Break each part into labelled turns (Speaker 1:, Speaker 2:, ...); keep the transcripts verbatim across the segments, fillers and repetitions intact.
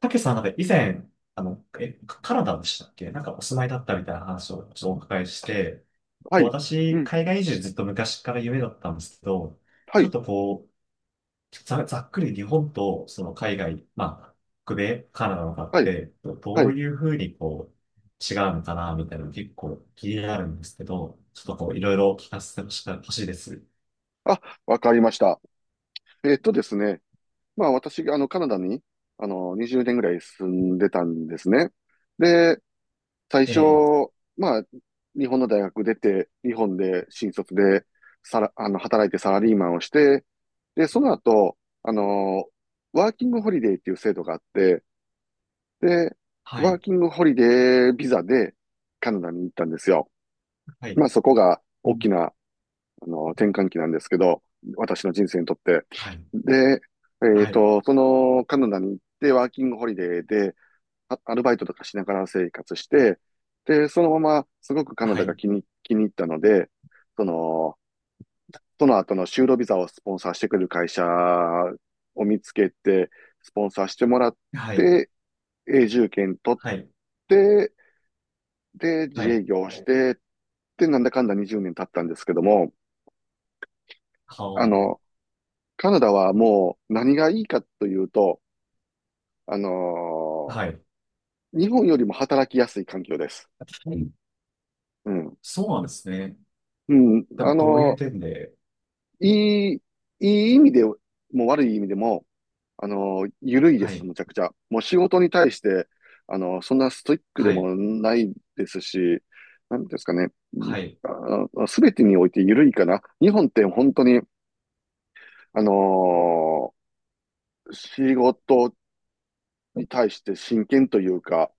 Speaker 1: たけしさん、なんか以前、あの、え、カカナダでしたっけ、なんかお住まいだったみたいな話をちょっとお伺いして、
Speaker 2: は
Speaker 1: と
Speaker 2: い。う
Speaker 1: 私、
Speaker 2: ん。
Speaker 1: 海外移住ずっと昔から夢だったんですけど、
Speaker 2: は
Speaker 1: ちょっ
Speaker 2: い。
Speaker 1: とこう、ざ、ざっくり日本とその海外、まあ、北米、カナダのかっ
Speaker 2: はい。
Speaker 1: て、ど
Speaker 2: は
Speaker 1: どう
Speaker 2: い。
Speaker 1: いうふうにこう、違うのかな、みたいなの結構気になるんですけど、ちょっとこう、いろいろ聞かせてほしほしいです。
Speaker 2: あ、わかりました。えっとですね。まあ私があのカナダにあのにじゅうねんぐらい住んでたんですね。で、最
Speaker 1: え
Speaker 2: 初、
Speaker 1: え、
Speaker 2: まあ日本の大学出て、日本で新卒でさら、あの働いてサラリーマンをして、で、その後、あの、ワーキングホリデーっていう制度があって、で、
Speaker 1: は
Speaker 2: ワー
Speaker 1: い、
Speaker 2: キングホリデービザでカナダに行ったんですよ。
Speaker 1: はい、
Speaker 2: まあそこが
Speaker 1: う
Speaker 2: 大き
Speaker 1: ん、
Speaker 2: なあの、転換期なんですけど、私の人生にとって。
Speaker 1: はい、
Speaker 2: で、えっ
Speaker 1: はい、
Speaker 2: と、そのカナダに行ってワーキングホリデーで、あアルバイトとかしながら生活して、で、そのまますごくカナ
Speaker 1: は
Speaker 2: ダが
Speaker 1: い、
Speaker 2: 気に、気に入ったので、その、その後の就労ビザをスポンサーしてくれる会社を見つけて、スポンサーしてもらっ
Speaker 1: はい、
Speaker 2: て、永住権取っ
Speaker 1: はい、
Speaker 2: て、で、
Speaker 1: は
Speaker 2: 自営
Speaker 1: い、
Speaker 2: 業をして、で、なんだかんだにじゅうねん経ったんですけども、
Speaker 1: は
Speaker 2: あの、
Speaker 1: あ。
Speaker 2: カナダはもう何がいいかというと、あのー
Speaker 1: はい。
Speaker 2: 日本よりも働きやすい環境です。
Speaker 1: うん、
Speaker 2: うん。
Speaker 1: そうなんですね。
Speaker 2: うん。
Speaker 1: で
Speaker 2: あ
Speaker 1: もどういう
Speaker 2: の
Speaker 1: 点で？
Speaker 2: ーいい、いい意味でも悪い意味でも、あのー緩いで
Speaker 1: は
Speaker 2: す、
Speaker 1: い、
Speaker 2: むちゃくちゃ。もう仕事に対して、あのーそんなストイックで
Speaker 1: はい、
Speaker 2: もないですし、なんてですかね。い
Speaker 1: はい、
Speaker 2: あすべてにおいて緩いかな。日本って本当に、あのー仕事に対して真剣というか、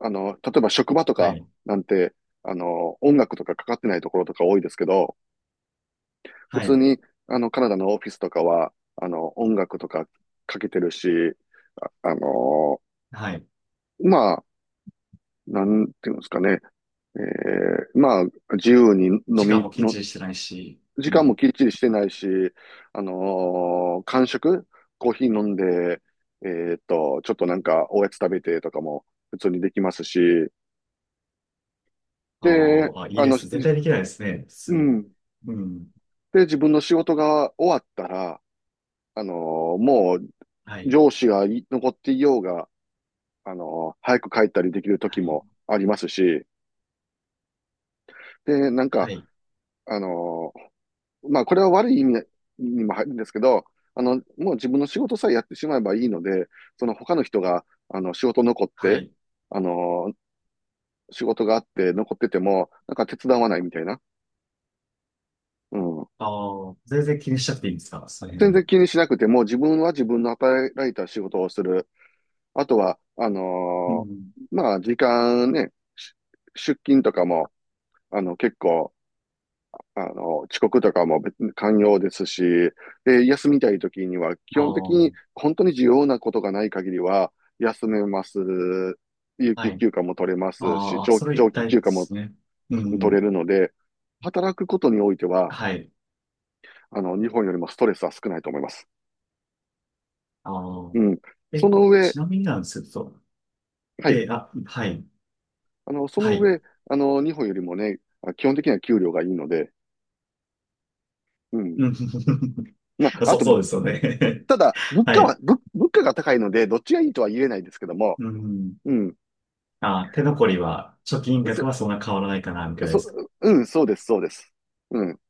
Speaker 2: あの、例えば職場と
Speaker 1: は
Speaker 2: か
Speaker 1: い、
Speaker 2: なんて、あの、音楽とかかかってないところとか多いですけど、普
Speaker 1: は
Speaker 2: 通
Speaker 1: い、
Speaker 2: に、あの、カナダのオフィスとかは、あの、音楽とかかけてるし、あの、
Speaker 1: はい。
Speaker 2: まあ、なんていうんですかね、えーまあ、自由に飲
Speaker 1: 時間
Speaker 2: み
Speaker 1: もきっ
Speaker 2: の、
Speaker 1: ちりしてないし、
Speaker 2: 時
Speaker 1: う
Speaker 2: 間
Speaker 1: ん。
Speaker 2: もきっちりしてないし、あのー、間食、コーヒー飲んで、えーっと、ちょっとなんかおやつ食べてとかも普通にできますし、
Speaker 1: あ
Speaker 2: で、
Speaker 1: ーあ、いい
Speaker 2: あ
Speaker 1: で
Speaker 2: の、じ
Speaker 1: す。絶対できないですね、普
Speaker 2: う
Speaker 1: 通。
Speaker 2: ん、
Speaker 1: うん。
Speaker 2: で、自分の仕事が終わったら、あのーもう
Speaker 1: はい、
Speaker 2: 上司がい残っていようが、あのー早く帰ったりできる
Speaker 1: は
Speaker 2: 時
Speaker 1: い、
Speaker 2: もありますし、で、なんか、
Speaker 1: はい、
Speaker 2: あのーまあ、これは悪い意味にも入るんですけど、あの、もう自分の仕事さえやってしまえばいいので、その他の人が、あの、仕事残っ
Speaker 1: は
Speaker 2: て、
Speaker 1: い。
Speaker 2: あのー仕事があって残ってても、なんか手伝わないみたいな。うん。
Speaker 1: ああ、全然気にしちゃっていいんですかその辺
Speaker 2: 全
Speaker 1: は？
Speaker 2: 然気にしなくても、自分は自分の与えられた仕事をする。あとは、あ
Speaker 1: う
Speaker 2: の
Speaker 1: ん。
Speaker 2: ーまあ、時間ね、し出勤とかも、あの、結構、あの、遅刻とかも別に寛容ですし、で、休みたい時には、基
Speaker 1: ああ、
Speaker 2: 本的に本当に重要なことがない限りは、休めます。有
Speaker 1: は
Speaker 2: 給
Speaker 1: い。
Speaker 2: 休暇も取れますし、
Speaker 1: ああ、
Speaker 2: 長、
Speaker 1: それ
Speaker 2: 長
Speaker 1: 一
Speaker 2: 期
Speaker 1: 体
Speaker 2: 休
Speaker 1: で
Speaker 2: 暇も
Speaker 1: すね。う
Speaker 2: 取れ
Speaker 1: ん。
Speaker 2: るので、働くことにおいては、
Speaker 1: はい。
Speaker 2: あの、日本よりもストレスは少ないと思います。
Speaker 1: ああ、
Speaker 2: うん。そ
Speaker 1: え、
Speaker 2: の上、
Speaker 1: ちなみになんですけど、
Speaker 2: はい。
Speaker 1: え、あ、はい、
Speaker 2: あの、そ
Speaker 1: は
Speaker 2: の
Speaker 1: い。
Speaker 2: 上、あの、日本よりもね、基本的には給料がいいので、うん。
Speaker 1: うん。
Speaker 2: ま あ、あ
Speaker 1: そう、
Speaker 2: と、
Speaker 1: そうですよね。
Speaker 2: ただ、物
Speaker 1: は
Speaker 2: 価は、
Speaker 1: い。
Speaker 2: 物、物価が高いので、どっちがいいとは言えないですけども、
Speaker 1: うん。
Speaker 2: うん。
Speaker 1: あ、手残りは、貯金額
Speaker 2: そ、
Speaker 1: はそんな変わらないかな、みたいで
Speaker 2: そ、
Speaker 1: すか？
Speaker 2: うん、そうです、そうです。うん。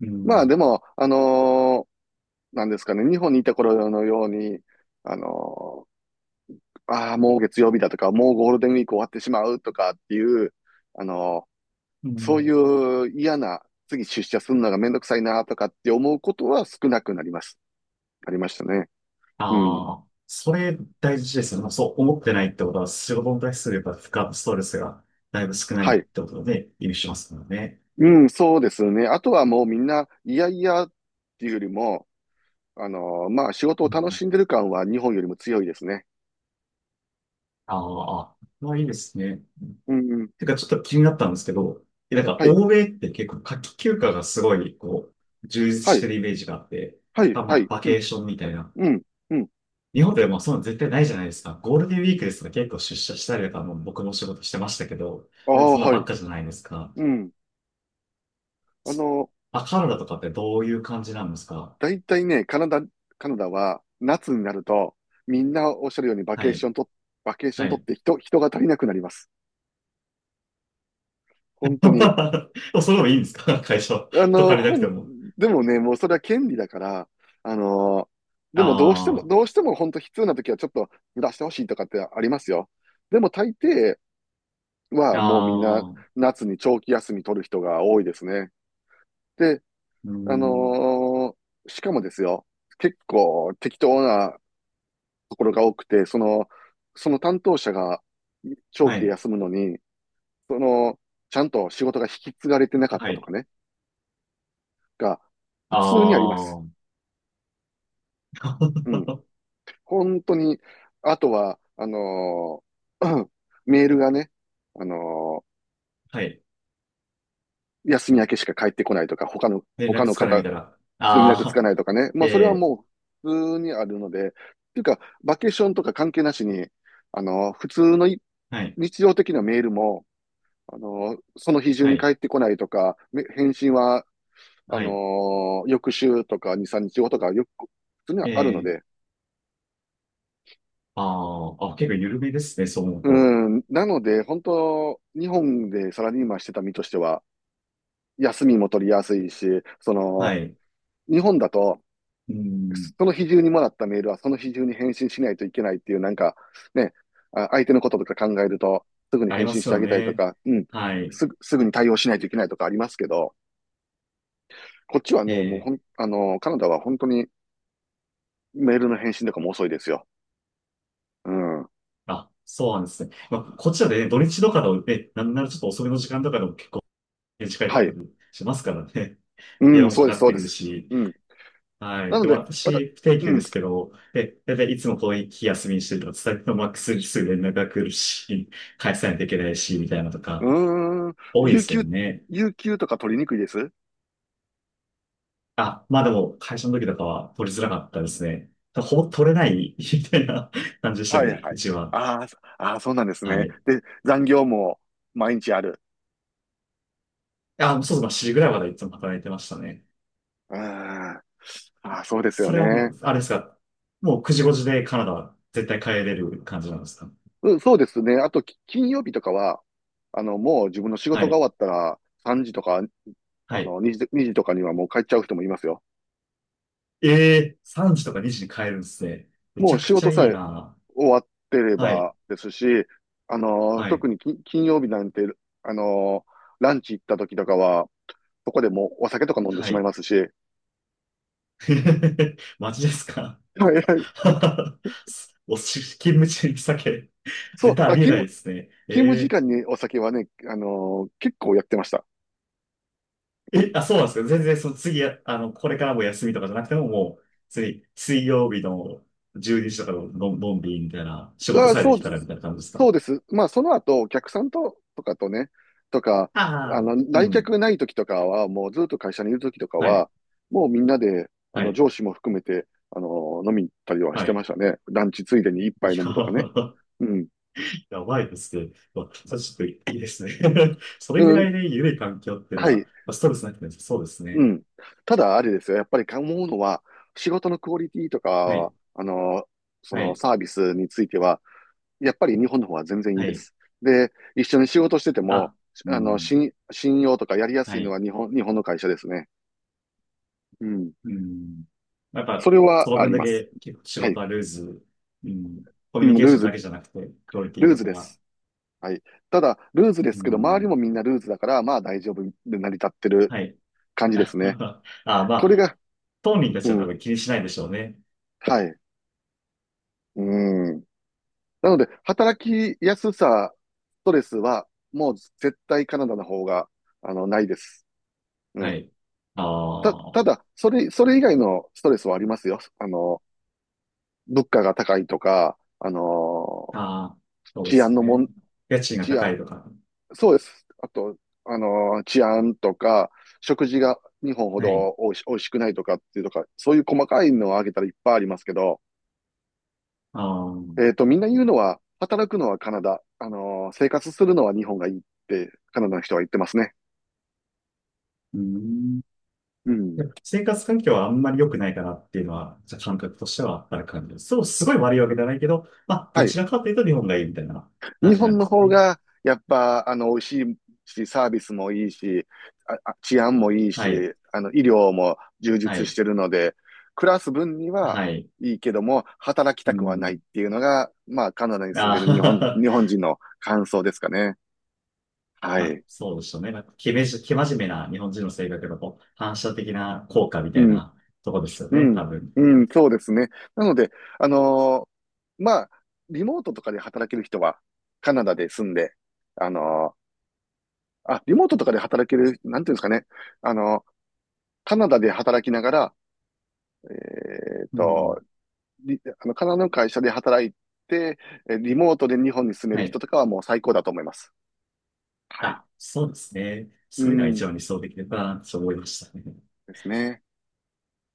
Speaker 1: う
Speaker 2: まあ、
Speaker 1: ん。
Speaker 2: でも、あのーなんですかね、日本にいた頃のように、あのーああ、もう月曜日だとか、もうゴールデンウィーク終わってしまうとかっていう、あのー
Speaker 1: う
Speaker 2: そうい
Speaker 1: ん。
Speaker 2: う嫌な、次出社するのがめんどくさいなとかって思うことは少なくなります。ありましたね。うん。
Speaker 1: ああ、それ大事ですよね。そう思ってないってことは、仕事に対するやっぱ負荷、ストレスがだいぶ少ない
Speaker 2: は
Speaker 1: っ
Speaker 2: い。
Speaker 1: てことで、意味しますからね。
Speaker 2: うん、そうですね。あとはもうみんな、いやいやっていうよりも、あのーまあ、仕事
Speaker 1: う
Speaker 2: を楽
Speaker 1: ん。
Speaker 2: しんでる感は日本よりも強いですね。
Speaker 1: ああ、まあいいですね。
Speaker 2: うん、うん。
Speaker 1: てか、ちょっと気になったんですけど、えなんか、
Speaker 2: はい、
Speaker 1: 欧米って結構夏季休暇がすごい、こう、充実
Speaker 2: は
Speaker 1: して
Speaker 2: い、
Speaker 1: るイメージがあって、
Speaker 2: はい、
Speaker 1: た
Speaker 2: は
Speaker 1: まあ、
Speaker 2: い。
Speaker 1: バ
Speaker 2: う
Speaker 1: ケー
Speaker 2: ん、
Speaker 1: ションみたいな。
Speaker 2: うん、うん。
Speaker 1: 日本でもそういうの絶対ないじゃないですか。ゴールデンウィークですとか結構出社したりとか、もう僕も仕事してましたけど、
Speaker 2: ああ、
Speaker 1: そんな
Speaker 2: は
Speaker 1: ば
Speaker 2: い。
Speaker 1: っかじゃないですか。
Speaker 2: うん。あ
Speaker 1: そ
Speaker 2: の
Speaker 1: あ、カナダとかってどういう感じなんですか？
Speaker 2: だいたいね、カナダ、カナダは夏になると、みんなおっしゃるようにバ
Speaker 1: は
Speaker 2: ケーショ
Speaker 1: い。
Speaker 2: ンと、バケーショ
Speaker 1: は
Speaker 2: ン取っ
Speaker 1: い。
Speaker 2: て人、人が足りなくなります。本当に。
Speaker 1: それでもいいんですか会社？
Speaker 2: あ
Speaker 1: 人
Speaker 2: の、
Speaker 1: 足りなくて
Speaker 2: 本、
Speaker 1: も。
Speaker 2: でもね、もうそれは権利だから、あの、でもどうしても、
Speaker 1: あ
Speaker 2: どうしても本当必要な時はちょっとずらしてほしいとかってありますよ。でも大抵
Speaker 1: あ、
Speaker 2: はもうみんな
Speaker 1: ああ、う
Speaker 2: 夏に長期休み取る人が多いですね。で、
Speaker 1: ー
Speaker 2: あの
Speaker 1: ん。
Speaker 2: ーしかもですよ、結構適当なところが多くて、その、その担当者が長
Speaker 1: は
Speaker 2: 期で
Speaker 1: い。
Speaker 2: 休むのに、その、ちゃんと仕事が引き継がれてなかっ
Speaker 1: は
Speaker 2: たと
Speaker 1: い。
Speaker 2: かね、が普通にあります。
Speaker 1: ああ。
Speaker 2: うん。本当に、あとは、あのー メールがね、あの
Speaker 1: はい。
Speaker 2: ー休み明けしか返ってこないとか、他の、
Speaker 1: 連
Speaker 2: 他
Speaker 1: 絡
Speaker 2: の
Speaker 1: つかな
Speaker 2: 方、
Speaker 1: いみたいな。
Speaker 2: 連絡つ
Speaker 1: あ
Speaker 2: か
Speaker 1: あ。
Speaker 2: ないとかね。まあ、それは
Speaker 1: えー、
Speaker 2: もう、普通にあるので、っていうか、バケーションとか関係なしに、あのー普通のい
Speaker 1: はい。
Speaker 2: 日常的なメールも、あのーその日中
Speaker 1: は
Speaker 2: に
Speaker 1: い。
Speaker 2: 返ってこないとか、め返信は、あ
Speaker 1: は
Speaker 2: の
Speaker 1: い。
Speaker 2: ー翌週とかに、みっかごとか、よく、普通には
Speaker 1: え
Speaker 2: あるの
Speaker 1: ー、
Speaker 2: で、
Speaker 1: ああ、あ、結構緩めですね、そう思う
Speaker 2: う
Speaker 1: と。
Speaker 2: ん、なので、本当、日本でサラリーマンしてた身としては、休みも取りやすいし、そ
Speaker 1: は
Speaker 2: の、
Speaker 1: い。
Speaker 2: 日本だと、
Speaker 1: うん、
Speaker 2: その日中にもらったメールはその日中に返信しないといけないっていう、なんか、ね、あ相手のこととか考えると、すぐに
Speaker 1: あり
Speaker 2: 返
Speaker 1: ま
Speaker 2: 信し
Speaker 1: す
Speaker 2: てあ
Speaker 1: よ
Speaker 2: げたりと
Speaker 1: ね。
Speaker 2: か、うん、
Speaker 1: はい。
Speaker 2: すぐ、すぐに対応しないといけないとかありますけど、こっちはね、もうほ
Speaker 1: え
Speaker 2: ん、
Speaker 1: え
Speaker 2: あの、カナダは本当にメールの返信とかも遅いですよ。うん。
Speaker 1: あ、そうなんですね。まあ、こっちはね、土日とかのね、なんならちょっと遅めの時間とかでも結構ね、近い
Speaker 2: は
Speaker 1: とこ
Speaker 2: い。
Speaker 1: ろにしますからね。
Speaker 2: う
Speaker 1: 電
Speaker 2: ん、
Speaker 1: 話も
Speaker 2: そう
Speaker 1: か
Speaker 2: で
Speaker 1: か
Speaker 2: す、
Speaker 1: っ
Speaker 2: そう
Speaker 1: て
Speaker 2: で
Speaker 1: くる
Speaker 2: す。
Speaker 1: し。
Speaker 2: うん。
Speaker 1: は
Speaker 2: な
Speaker 1: い。
Speaker 2: の
Speaker 1: で、
Speaker 2: で、また、
Speaker 1: 私、不定
Speaker 2: う
Speaker 1: 休で
Speaker 2: ん、
Speaker 1: すけど、で、だいたいいつもこういう日休みにしてると、伝えてもマックスにすぐ連絡が来るし、返さないといけないし、みたいなのと
Speaker 2: う
Speaker 1: か、
Speaker 2: ーん、
Speaker 1: 多いで
Speaker 2: 有
Speaker 1: すよ
Speaker 2: 給、
Speaker 1: ね。
Speaker 2: 有給とか取りにくいです
Speaker 1: あ、まあでも、会社の時とかは取りづらかったですね。ほぼ取れない、みたいな感じでした
Speaker 2: は
Speaker 1: け
Speaker 2: い
Speaker 1: ど、
Speaker 2: は
Speaker 1: う
Speaker 2: い。
Speaker 1: ちは。
Speaker 2: あーそあー、そうなんです
Speaker 1: は
Speaker 2: ね。
Speaker 1: い。
Speaker 2: で、残業も毎日ある。
Speaker 1: あ、そうですね。しちじぐらいまでいつも働いてましたね。
Speaker 2: うーん。あーそうですよ
Speaker 1: それはも
Speaker 2: ね。
Speaker 1: う、あれですか。もうくじごじでカナダは絶対帰れる感じなんですか？
Speaker 2: うん、そうですね。あと、き金曜日とかは、あの、もう自分の仕
Speaker 1: は
Speaker 2: 事が終
Speaker 1: い。
Speaker 2: わったら、さんじとか、
Speaker 1: は
Speaker 2: あ
Speaker 1: い。
Speaker 2: の、にじ、にじとかにはもう帰っちゃう人もいますよ。
Speaker 1: ええ、さんじとかにじに帰るんですね。め
Speaker 2: も
Speaker 1: ち
Speaker 2: う
Speaker 1: ゃく
Speaker 2: 仕
Speaker 1: ち
Speaker 2: 事
Speaker 1: ゃ
Speaker 2: さ
Speaker 1: いい
Speaker 2: え
Speaker 1: な。
Speaker 2: 終わってれ
Speaker 1: はい。
Speaker 2: ばですし、あの、
Speaker 1: はい。
Speaker 2: 特に金金曜日なんて、あの、ランチ行った時とかは、そこでもうお酒とか飲んで
Speaker 1: は
Speaker 2: しまい
Speaker 1: い。
Speaker 2: ますし、
Speaker 1: マジですか？
Speaker 2: はいはい。
Speaker 1: おし、勤務中に酒。
Speaker 2: そ
Speaker 1: 絶
Speaker 2: う、
Speaker 1: 対あ
Speaker 2: あ、
Speaker 1: りえ
Speaker 2: 気
Speaker 1: ない
Speaker 2: 分、
Speaker 1: ですね。
Speaker 2: 勤務時
Speaker 1: え
Speaker 2: 間にお酒はね、あのー結構やってました。う
Speaker 1: え、
Speaker 2: ん。
Speaker 1: あ、そうなんですか。全然、その次、あの、これからも休みとかじゃなくても、もう、次、水曜日のじゅうにじとかの、ののんびりみたいな、仕事
Speaker 2: あ、
Speaker 1: さえ
Speaker 2: そ
Speaker 1: で
Speaker 2: う
Speaker 1: き
Speaker 2: で
Speaker 1: たらみ
Speaker 2: す、
Speaker 1: たいな感じです
Speaker 2: そう
Speaker 1: か？
Speaker 2: です。まあ、その後、お客さんと、とかとね、とか、あ
Speaker 1: ああ。
Speaker 2: の、
Speaker 1: う
Speaker 2: 来
Speaker 1: ん。
Speaker 2: 客ない時とかは、もうずっと会社にいる時とか
Speaker 1: はい。
Speaker 2: は、もうみんなで、あ
Speaker 1: は
Speaker 2: の、
Speaker 1: い。
Speaker 2: 上司も含めて、あのー飲みに行ったりはし
Speaker 1: は
Speaker 2: て
Speaker 1: い。
Speaker 2: ましたね。ランチついでに一杯
Speaker 1: いや
Speaker 2: 飲むとかね。
Speaker 1: ー、
Speaker 2: うん。
Speaker 1: やばいですね。まあ、ちょっといいですね。それぐ
Speaker 2: う
Speaker 1: らい
Speaker 2: ん。
Speaker 1: で緩い環境っていう
Speaker 2: は
Speaker 1: のは、
Speaker 2: い。
Speaker 1: まあストレスなくてもそうです
Speaker 2: う
Speaker 1: ね。
Speaker 2: ん。ただ、あれですよ。やっぱり思うのは、仕事のクオリティと
Speaker 1: は
Speaker 2: か、
Speaker 1: い。
Speaker 2: あのそ
Speaker 1: は
Speaker 2: の
Speaker 1: い。
Speaker 2: サービスについては、やっぱり日本の方は全然いい
Speaker 1: は
Speaker 2: で
Speaker 1: い。
Speaker 2: す。で、一緒に仕事してても、
Speaker 1: あ、う
Speaker 2: あの、
Speaker 1: ん。
Speaker 2: 信、信用とかやりや
Speaker 1: は
Speaker 2: すいの
Speaker 1: い。
Speaker 2: は日本、日本の会社ですね。うん。
Speaker 1: うん。やっ
Speaker 2: そ
Speaker 1: ぱ、
Speaker 2: れは
Speaker 1: その
Speaker 2: あ
Speaker 1: 分
Speaker 2: り
Speaker 1: だ
Speaker 2: ます。
Speaker 1: け結構仕
Speaker 2: はい。
Speaker 1: 事はルーズ、うん、コ
Speaker 2: う
Speaker 1: ミュニ
Speaker 2: ん、
Speaker 1: ケー
Speaker 2: ルー
Speaker 1: ション
Speaker 2: ズ、
Speaker 1: だけじゃなくて、クオリティ
Speaker 2: ルー
Speaker 1: と
Speaker 2: ズ
Speaker 1: か
Speaker 2: で
Speaker 1: が、
Speaker 2: す。はい。ただ、ルーズで
Speaker 1: う
Speaker 2: すけど、周り
Speaker 1: ん、
Speaker 2: もみんなルーズだから、まあ大丈夫で成り立ってる
Speaker 1: はい。
Speaker 2: 感じで すね。
Speaker 1: あ、ま
Speaker 2: これ
Speaker 1: あ、
Speaker 2: が、
Speaker 1: 当人たち
Speaker 2: う
Speaker 1: は多
Speaker 2: ん、
Speaker 1: 分気にしないでしょうね。
Speaker 2: はい。うん。なので、働きやすさ、ストレスは、もう絶対カナダの方が、あの、ないです。う
Speaker 1: は
Speaker 2: ん。
Speaker 1: い。
Speaker 2: た、
Speaker 1: あ
Speaker 2: ただ、それ、それ以外のストレスはありますよ。あの、物価が高いとか、あの、
Speaker 1: あ、ああ、そうで
Speaker 2: 治安
Speaker 1: す
Speaker 2: のも
Speaker 1: ね。
Speaker 2: ん、
Speaker 1: 家賃が
Speaker 2: 治
Speaker 1: 高
Speaker 2: 安、
Speaker 1: いとか。
Speaker 2: そうです。あと、あの、治安とか、食事が日本ほ
Speaker 1: はい。
Speaker 2: どおいし、おいしくないとかっていうとか、そういう細かいのを挙げたらいっぱいありますけど、
Speaker 1: ああ、
Speaker 2: えっと、みんな言うのは、働くのはカナダ、あの、生活するのは日本がいいって、カナダの人は言ってますね。
Speaker 1: うん。
Speaker 2: う
Speaker 1: やっ
Speaker 2: ん。
Speaker 1: ぱ生活環境はあんまり良くないかなっていうのは、じゃあ感覚としてはある感じです。そう、すごい悪いわけじゃないけど、まあ、ど
Speaker 2: はい。
Speaker 1: ちらかというと日本がいいみたいな感
Speaker 2: 日
Speaker 1: じなん
Speaker 2: 本
Speaker 1: で
Speaker 2: の
Speaker 1: すか
Speaker 2: 方
Speaker 1: ね？
Speaker 2: が、やっぱ、あの、美味しいし、サービスもいいし、あ、あ治安もいい
Speaker 1: はい。
Speaker 2: し、あの、医療も充
Speaker 1: は
Speaker 2: 実し
Speaker 1: い。
Speaker 2: てるので、暮らす分には
Speaker 1: はい。
Speaker 2: いいけども、働きた
Speaker 1: う
Speaker 2: くはないっ
Speaker 1: ん。
Speaker 2: ていうのが、まあ、カナダに住んでる日本、
Speaker 1: ああ。
Speaker 2: 日本人の感想ですかね。は
Speaker 1: まあ、
Speaker 2: い。
Speaker 1: そうでしょね。なんか、けめじ、け真面目な日本人の性格のこう反射的な効果み
Speaker 2: う
Speaker 1: たい
Speaker 2: ん、
Speaker 1: なとこですよ
Speaker 2: う
Speaker 1: ね、多
Speaker 2: ん、
Speaker 1: 分。
Speaker 2: うん、そうですね。なので、あのーまあ、リモートとかで働ける人は、カナダで住んで、あのーあ、リモートとかで働ける、なんていうんですかね。あのーカナダで働きながら、えっ
Speaker 1: う
Speaker 2: と、
Speaker 1: ん。
Speaker 2: あの、カナダの会社で働いて、リモートで日本に住め
Speaker 1: は
Speaker 2: る人
Speaker 1: い。
Speaker 2: とかはもう最高だと思います。はい。
Speaker 1: あ、そうですね。
Speaker 2: う
Speaker 1: そういうのが
Speaker 2: ん。
Speaker 1: 一番理想的だな、と思いましたね。
Speaker 2: ですね。